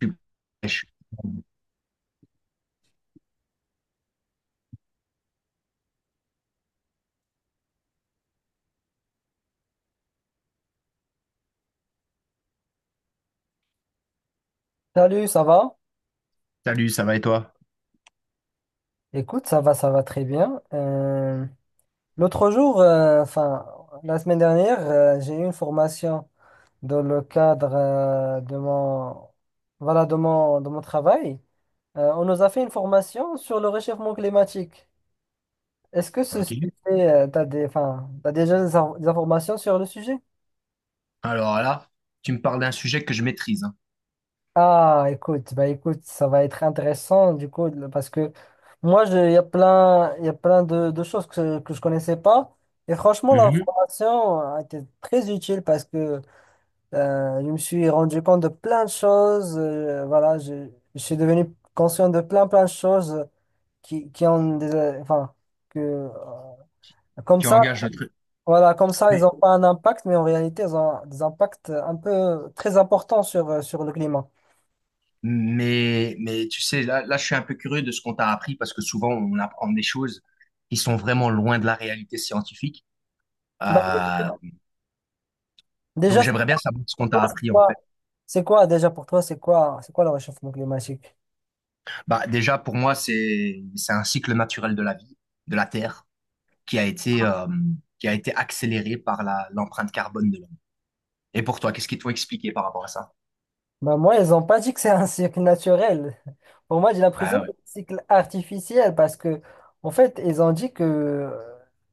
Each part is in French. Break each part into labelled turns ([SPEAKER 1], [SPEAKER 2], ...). [SPEAKER 1] Tu- je-
[SPEAKER 2] Salut, ça va?
[SPEAKER 1] Salut, ça va et toi?
[SPEAKER 2] Écoute, ça va très bien. L'autre jour, enfin, la semaine dernière, j'ai eu une formation dans le cadre voilà, de mon travail. On nous a fait une formation sur le réchauffement climatique. Est-ce que ce
[SPEAKER 1] Ok.
[SPEAKER 2] sujet, enfin, t'as déjà des, des informations sur le sujet?
[SPEAKER 1] Alors là, tu me parles d'un sujet que je maîtrise, hein,
[SPEAKER 2] Ah, écoute, bah, écoute, ça va être intéressant du coup, parce que moi, il y a plein de choses que je connaissais pas. Et franchement, la
[SPEAKER 1] mhm,
[SPEAKER 2] formation a été très utile parce que je me suis rendu compte de plein de choses. Voilà, je suis devenu conscient de plein, plein de choses qui ont des, enfin, que comme
[SPEAKER 1] qui
[SPEAKER 2] ça,
[SPEAKER 1] engage notre...
[SPEAKER 2] voilà, comme ça, ils
[SPEAKER 1] Mais,
[SPEAKER 2] n'ont pas un impact, mais en réalité, ils ont des impacts un peu très importants sur le climat.
[SPEAKER 1] mais tu sais, là, je suis un peu curieux de ce qu'on t'a appris, parce que souvent, on apprend des choses qui sont vraiment loin de la réalité scientifique.
[SPEAKER 2] Bah,
[SPEAKER 1] Euh, donc,
[SPEAKER 2] déjà,
[SPEAKER 1] j'aimerais bien savoir ce qu'on
[SPEAKER 2] toi,
[SPEAKER 1] t'a
[SPEAKER 2] c'est
[SPEAKER 1] appris, en fait.
[SPEAKER 2] quoi? C'est quoi déjà pour toi? C'est quoi le réchauffement climatique?
[SPEAKER 1] Bah, déjà, pour moi, c'est un cycle naturel de la vie, de la Terre, qui a été, euh, qui a été accéléré par l'empreinte carbone de l'homme. Et pour toi, qu'est-ce qu'ils t'ont expliqué par rapport à ça?
[SPEAKER 2] Bah moi, ils ont pas dit que c'est un cycle naturel. Pour moi, j'ai l'impression que c'est un cycle artificiel parce que, en fait, ils ont dit que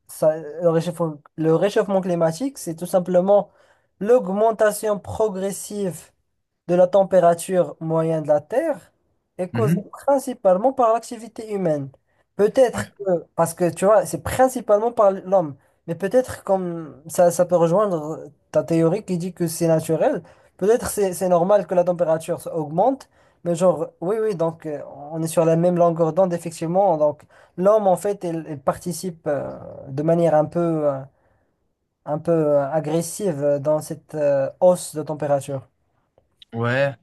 [SPEAKER 2] le réchauffement climatique, c'est tout simplement l'augmentation progressive de la température moyenne de la Terre est causée
[SPEAKER 1] Mhm.
[SPEAKER 2] principalement par l'activité humaine.
[SPEAKER 1] Ouais.
[SPEAKER 2] Peut-être que, parce que tu vois, c'est principalement par l'homme, mais peut-être comme ça peut rejoindre ta théorie qui dit que c'est naturel, peut-être c'est normal que la température se augmente, mais genre, oui, oui, donc on est sur la même longueur d'onde, effectivement, donc l'homme, en fait, il participe de manière euh, un peu agressive dans cette hausse de température.
[SPEAKER 1] Ouais.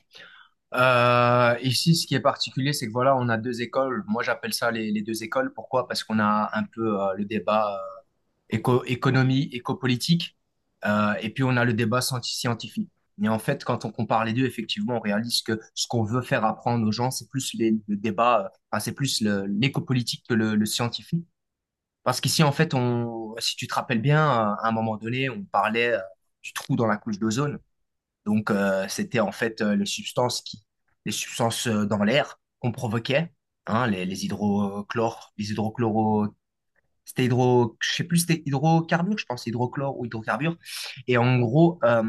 [SPEAKER 1] Ici, ce qui est particulier, c'est que voilà, on a deux écoles. Moi, j'appelle ça les deux écoles. Pourquoi? Parce qu'on a un peu le débat économie, éco-politique, et puis on a le débat scientifique. Mais en fait, quand on compare les deux, effectivement, on réalise que ce qu'on veut faire apprendre aux gens, c'est plus le débat, enfin, c'est plus l'éco-politique que le scientifique. Parce qu'ici, en fait, si tu te rappelles bien, à un moment donné, on parlait du trou dans la couche d'ozone. Donc, c'était en fait les substances dans l'air qu'on provoquait, hein, les hydrochlores, les hydrochloro, c'était hydro, je sais plus, c'était hydrocarbures, je pense, hydrochlore ou hydrocarbures. Et en gros,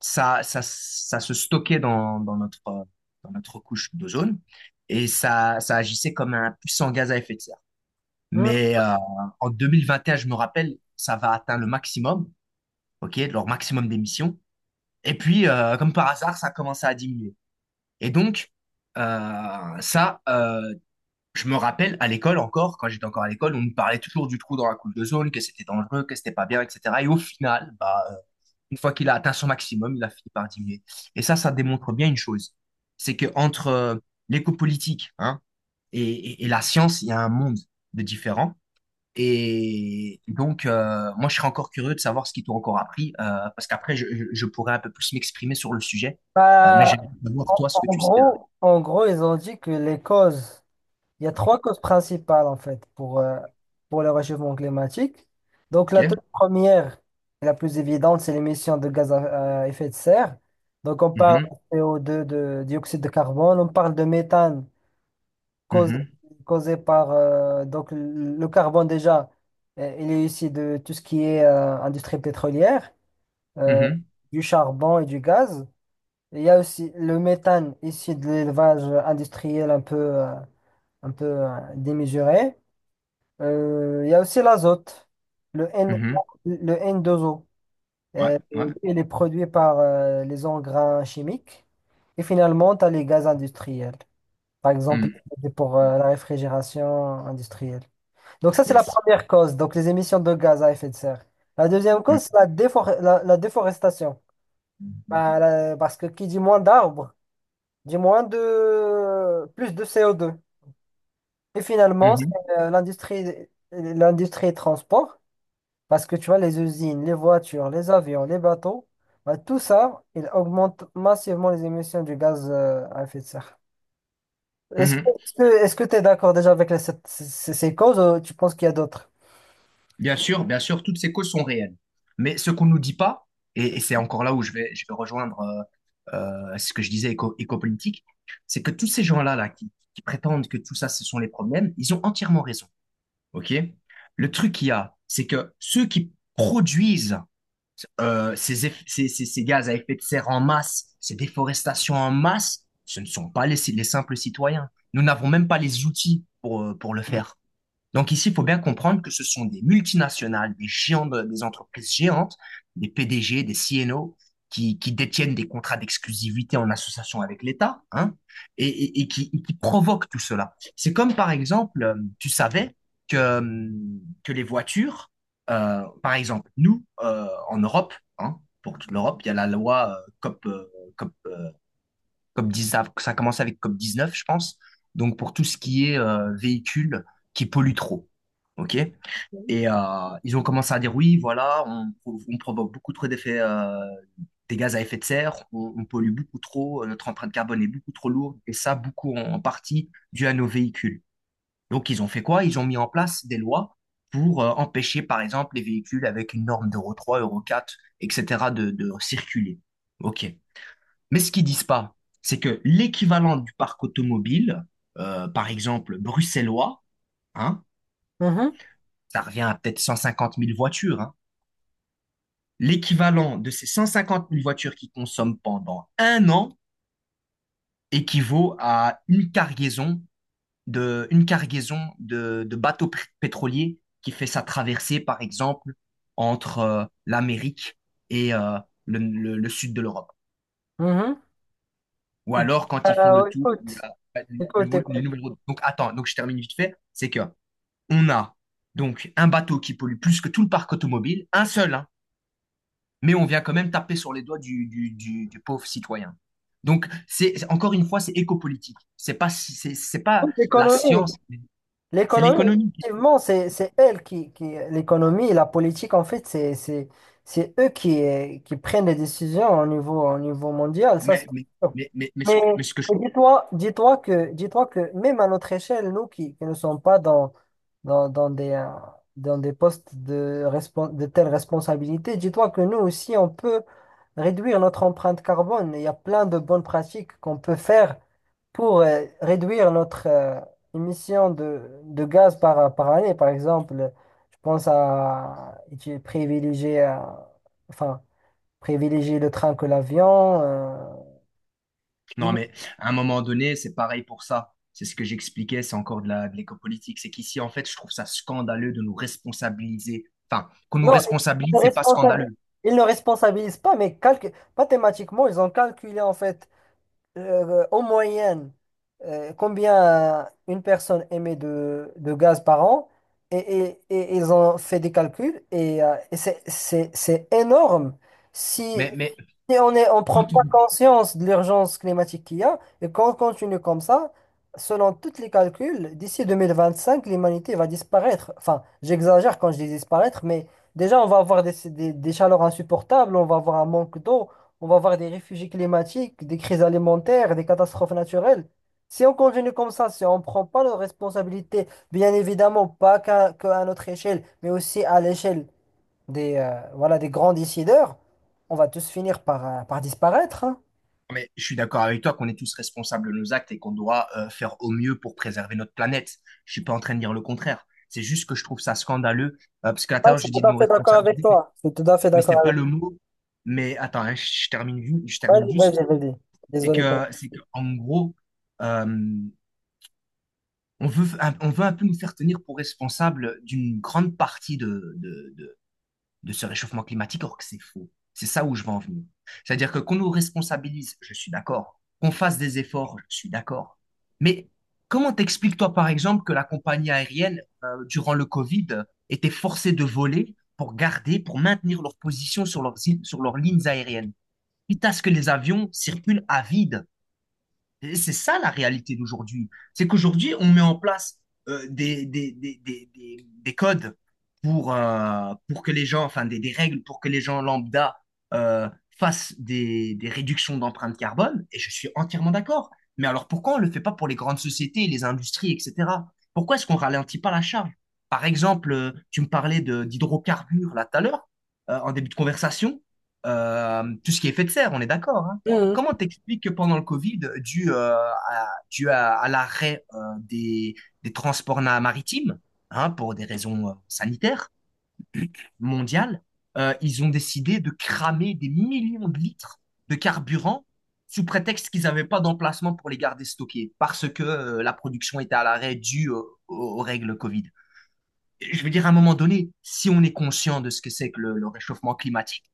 [SPEAKER 1] ça se stockait dans notre couche d'ozone et ça agissait comme un puissant gaz à effet de serre.
[SPEAKER 2] Hmm.
[SPEAKER 1] Mais en 2021, je me rappelle, ça va atteindre le maximum, ok, leur maximum d'émissions. Et puis, comme par hasard, ça a commencé à diminuer. Et donc, euh, ça, euh, je me rappelle à l'école encore, quand j'étais encore à l'école, on me parlait toujours du trou dans la coule de zone, que c'était dangereux, que c'était pas bien, etc. Et au final, bah, une fois qu'il a atteint son maximum, il a fini par diminuer. Et ça démontre bien une chose, c'est que entre l'éco-politique, hein, et, et la science, il y a un monde de différents. Et donc, moi, je serais encore curieux de savoir ce qu'ils t'ont encore appris, parce qu'après, je pourrais un peu plus m'exprimer sur le sujet. Mais
[SPEAKER 2] Bah,
[SPEAKER 1] j'aimerais savoir, toi, ce que tu sais.
[SPEAKER 2] En gros, ils ont dit que les causes, il y a trois causes principales en fait pour le réchauffement climatique. Donc la
[SPEAKER 1] Ok.
[SPEAKER 2] toute première et la plus évidente, c'est l'émission de gaz à effet de serre. Donc on parle
[SPEAKER 1] Mhm,
[SPEAKER 2] de CO2, de dioxyde de carbone, on parle de méthane causé,
[SPEAKER 1] mhm,
[SPEAKER 2] causé par donc le carbone déjà, il est issu de tout ce qui est industrie pétrolière, euh,
[SPEAKER 1] mhm,
[SPEAKER 2] du charbon et du gaz. Il y a aussi le méthane ici de l'élevage industriel un peu démesuré. Il y a aussi l'azote, le N,
[SPEAKER 1] mhm.
[SPEAKER 2] le N2O.
[SPEAKER 1] Ouais,
[SPEAKER 2] Euh,
[SPEAKER 1] ouais.
[SPEAKER 2] il est produit par les engrais chimiques. Et finalement, tu as les gaz industriels. Par exemple,
[SPEAKER 1] Mm.
[SPEAKER 2] pour la réfrigération industrielle. Donc ça, c'est la
[SPEAKER 1] Yes.
[SPEAKER 2] première cause, donc les émissions de gaz à effet de serre. La deuxième
[SPEAKER 1] Mm.
[SPEAKER 2] cause, c'est la déforestation. Bah, parce que qui dit moins d'arbres, du moins de plus de co deux. Et finalement, c'est
[SPEAKER 1] Mhm,
[SPEAKER 2] euh, l'industrie l'industrie transport, parce que tu vois, les usines, les voitures, les avions, les bateaux, bah, tout ça, il augmente massivement les émissions du gaz à effet de serre.
[SPEAKER 1] mhm.
[SPEAKER 2] Est-ce que tu es d'accord déjà avec les sept- ces, ces- ces causes ou tu penses qu'il y a d'autres?
[SPEAKER 1] Bien sûr, toutes ces causes sont réelles. Mais ce qu'on nous dit pas, et c'est encore là où je vais rejoindre ce que je disais éco-politique, c'est que tous ces gens-là là, qui prétendent que tout ça, ce sont les problèmes, ils ont entièrement raison. OK? Le truc qu'il y a, c'est que ceux qui produisent ces gaz à effet de serre en masse, ces déforestations en masse, ce ne sont pas les simples citoyens. Nous n'avons même pas les outils pour le faire. Donc ici, il faut bien comprendre que ce sont des multinationales, des géants, des entreprises géantes, des PDG, des CNO, qui détiennent des contrats d'exclusivité en association avec l'État, hein, et qui provoquent tout cela. C'est comme, par exemple, tu savais que, euh, que les voitures, par exemple, nous, en Europe, hein, pour toute l'Europe, il y a la loi COP, COP, COP 10, ça a commencé avec COP 19, je pense. Donc, pour tout ce qui est véhicules qui polluent trop. OK? Et ils ont commencé à dire oui, voilà, on provoque beaucoup trop d'effets, des gaz à effet de serre, on pollue beaucoup trop, notre empreinte carbone est beaucoup trop lourde, et ça, beaucoup en partie dû à nos véhicules. Donc, ils ont fait quoi? Ils ont mis en place des lois pour empêcher, par exemple, les véhicules avec une norme d'Euro 3, Euro 4, etc., de circuler. OK. Mais ce qu'ils disent pas, c'est que l'équivalent du parc automobile, par exemple bruxellois, hein,
[SPEAKER 2] Mhm,
[SPEAKER 1] ça revient à peut-être 150 000 voitures, hein, l'équivalent de ces 150 000 voitures qu'ils consomment pendant un an équivaut à une cargaison de bateaux pétroliers qui fait sa traversée, par exemple, entre l'Amérique et le sud de l'Europe.
[SPEAKER 2] mhm.
[SPEAKER 1] Ou alors, quand ils font le tour, il y
[SPEAKER 2] Écoute,
[SPEAKER 1] a
[SPEAKER 2] écoute,
[SPEAKER 1] les
[SPEAKER 2] écoute.
[SPEAKER 1] nouvelles routes. Donc, attends, donc je termine vite fait. C'est que on a donc un bateau qui pollue plus que tout le parc automobile, un seul, hein, mais on vient quand même taper sur les doigts du pauvre citoyen. Donc, encore une fois, c'est éco-politique. C'est pas
[SPEAKER 2] Écoute,
[SPEAKER 1] la
[SPEAKER 2] l'économie.
[SPEAKER 1] science, c'est
[SPEAKER 2] L'économie,
[SPEAKER 1] l'économie.
[SPEAKER 2] effectivement, c'est elle l'économie et la politique, en fait, c'est eux qui prennent les décisions au niveau mondial, ça, c'est
[SPEAKER 1] Mais, mais,
[SPEAKER 2] sûr.
[SPEAKER 1] mais ce que je.
[SPEAKER 2] Mais dis-toi que même à notre échelle, nous qui ne sommes pas dans des, dans des postes de telles responsabilités, dis-toi que nous aussi, on peut réduire notre empreinte carbone. Il y a plein de bonnes pratiques qu'on peut faire pour réduire notre émission de gaz par année, par exemple, je pense enfin, privilégier le train que l'avion.
[SPEAKER 1] Non, mais à un moment donné, c'est pareil pour ça. C'est ce que j'expliquais, c'est encore de de l'éco-politique. C'est qu'ici, en fait, je trouve ça scandaleux de nous responsabiliser. Enfin, qu'on nous
[SPEAKER 2] Non, ils
[SPEAKER 1] responsabilise,
[SPEAKER 2] ne
[SPEAKER 1] c'est pas
[SPEAKER 2] responsabilisent,
[SPEAKER 1] scandaleux.
[SPEAKER 2] ils ne responsabilisent pas, mais mathématiquement, ils ont calculé en fait en moyenne, combien une personne émet de gaz par an, et ils ont fait des calculs, et c'est énorme. Si,
[SPEAKER 1] Mais, mais,
[SPEAKER 2] Si on prend
[SPEAKER 1] Pas
[SPEAKER 2] pas
[SPEAKER 1] tout.
[SPEAKER 2] conscience de l'urgence climatique qu'il y a, et qu'on continue comme ça, selon tous les calculs, d'ici 2025, l'humanité va disparaître. Enfin, j'exagère quand je dis disparaître, mais déjà, on va avoir des chaleurs insupportables, on va avoir un manque d'eau, on va avoir des réfugiés climatiques, des crises alimentaires, des catastrophes naturelles. Si on continue comme ça, si on ne prend pas nos responsabilités, bien évidemment, pas qu'à notre échelle, mais aussi à l'échelle voilà, des grands décideurs, on va tous finir par disparaître, hein.
[SPEAKER 1] Mais je suis d'accord avec toi qu'on est tous responsables de nos actes et qu'on doit faire au mieux pour préserver notre planète. Je suis pas en train de dire le contraire. C'est juste que je trouve ça scandaleux. Parce qu'à
[SPEAKER 2] Ouais, je
[SPEAKER 1] l'intérieur, j'ai
[SPEAKER 2] suis
[SPEAKER 1] dit
[SPEAKER 2] tout
[SPEAKER 1] de
[SPEAKER 2] à
[SPEAKER 1] nous
[SPEAKER 2] fait d'accord avec
[SPEAKER 1] responsabiliser,
[SPEAKER 2] toi. Je suis tout à fait
[SPEAKER 1] mais
[SPEAKER 2] d'accord
[SPEAKER 1] c'est
[SPEAKER 2] avec
[SPEAKER 1] pas
[SPEAKER 2] toi.
[SPEAKER 1] le mot. Mais attends, hein, je termine, je termine
[SPEAKER 2] Vas-y,
[SPEAKER 1] juste.
[SPEAKER 2] vas-y, vas-y.
[SPEAKER 1] C'est
[SPEAKER 2] Désolé pour.
[SPEAKER 1] que, c'est que, en gros, euh, on veut un peu nous faire tenir pour responsables d'une grande partie de ce réchauffement climatique, alors que c'est faux. C'est ça où je veux en venir. C'est-à-dire que qu'on nous responsabilise, je suis d'accord. Qu'on fasse des efforts, je suis d'accord. Mais comment t'expliques, toi, par exemple, que la compagnie aérienne, durant le Covid, était forcée de voler pour garder, pour maintenir leur position sur leurs lignes aériennes, quitte à ce que les avions circulent à vide et c'est ça la réalité d'aujourd'hui. C'est qu'aujourd'hui, on met en place des codes pour que les gens, enfin des règles pour que les gens lambda euh, fassent des réductions d'empreinte carbone, et je suis entièrement d'accord. Mais alors pourquoi on ne le fait pas pour les grandes sociétés, les industries, etc. Pourquoi est-ce qu'on ralentit pas la charge? Par exemple, tu me parlais d'hydrocarbures là tout à l'heure, en début de conversation. Tout ce qui est effet de serre, on est d'accord, hein.
[SPEAKER 2] Mhm.
[SPEAKER 1] Comment t'expliques que pendant le Covid, dû à l'arrêt des transports maritimes, hein, pour des raisons sanitaires mondiales, ils ont décidé de cramer des millions de litres de carburant sous prétexte qu'ils n'avaient pas d'emplacement pour les garder stockés, parce que la production était à l'arrêt due aux règles Covid. Je veux dire, à un moment donné, si on est conscient de ce que c'est que le réchauffement climatique,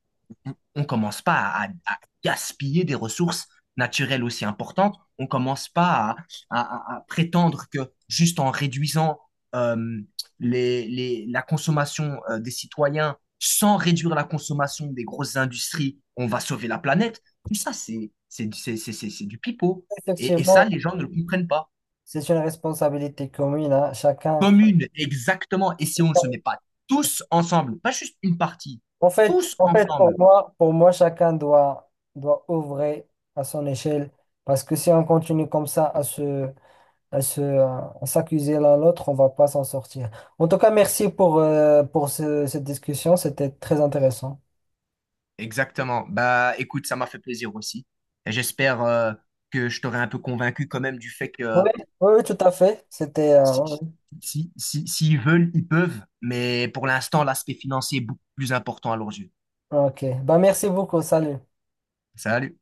[SPEAKER 1] on commence pas à gaspiller des ressources naturelles aussi importantes. On commence pas à prétendre que juste en réduisant euh, la consommation des citoyens, sans réduire la consommation des grosses industries, on va sauver la planète. Tout ça, c'est du pipeau. Et ça,
[SPEAKER 2] Effectivement,
[SPEAKER 1] les gens ne le comprennent pas.
[SPEAKER 2] c'est une responsabilité commune, hein. Chacun.
[SPEAKER 1] Commune, exactement. Et si on ne se met pas tous ensemble, pas juste une partie, tous
[SPEAKER 2] En fait,
[SPEAKER 1] ensemble.
[SPEAKER 2] pour moi, chacun doit œuvrer à son échelle parce que si on continue comme ça à s'accuser l'un l'autre, on va pas s'en sortir. En tout cas, merci pour cette discussion, c'était très intéressant.
[SPEAKER 1] Exactement. Bah, écoute, ça m'a fait plaisir aussi. Et j'espère que je t'aurai un peu convaincu quand même du fait que
[SPEAKER 2] Oui, oui, oui, tout à fait. C'était,
[SPEAKER 1] si,
[SPEAKER 2] ouais.
[SPEAKER 1] s'ils veulent, ils peuvent. Mais pour l'instant, l'aspect financier est beaucoup plus important à leurs yeux.
[SPEAKER 2] Ouais. Ok. Bah, merci beaucoup. Salut.
[SPEAKER 1] Salut.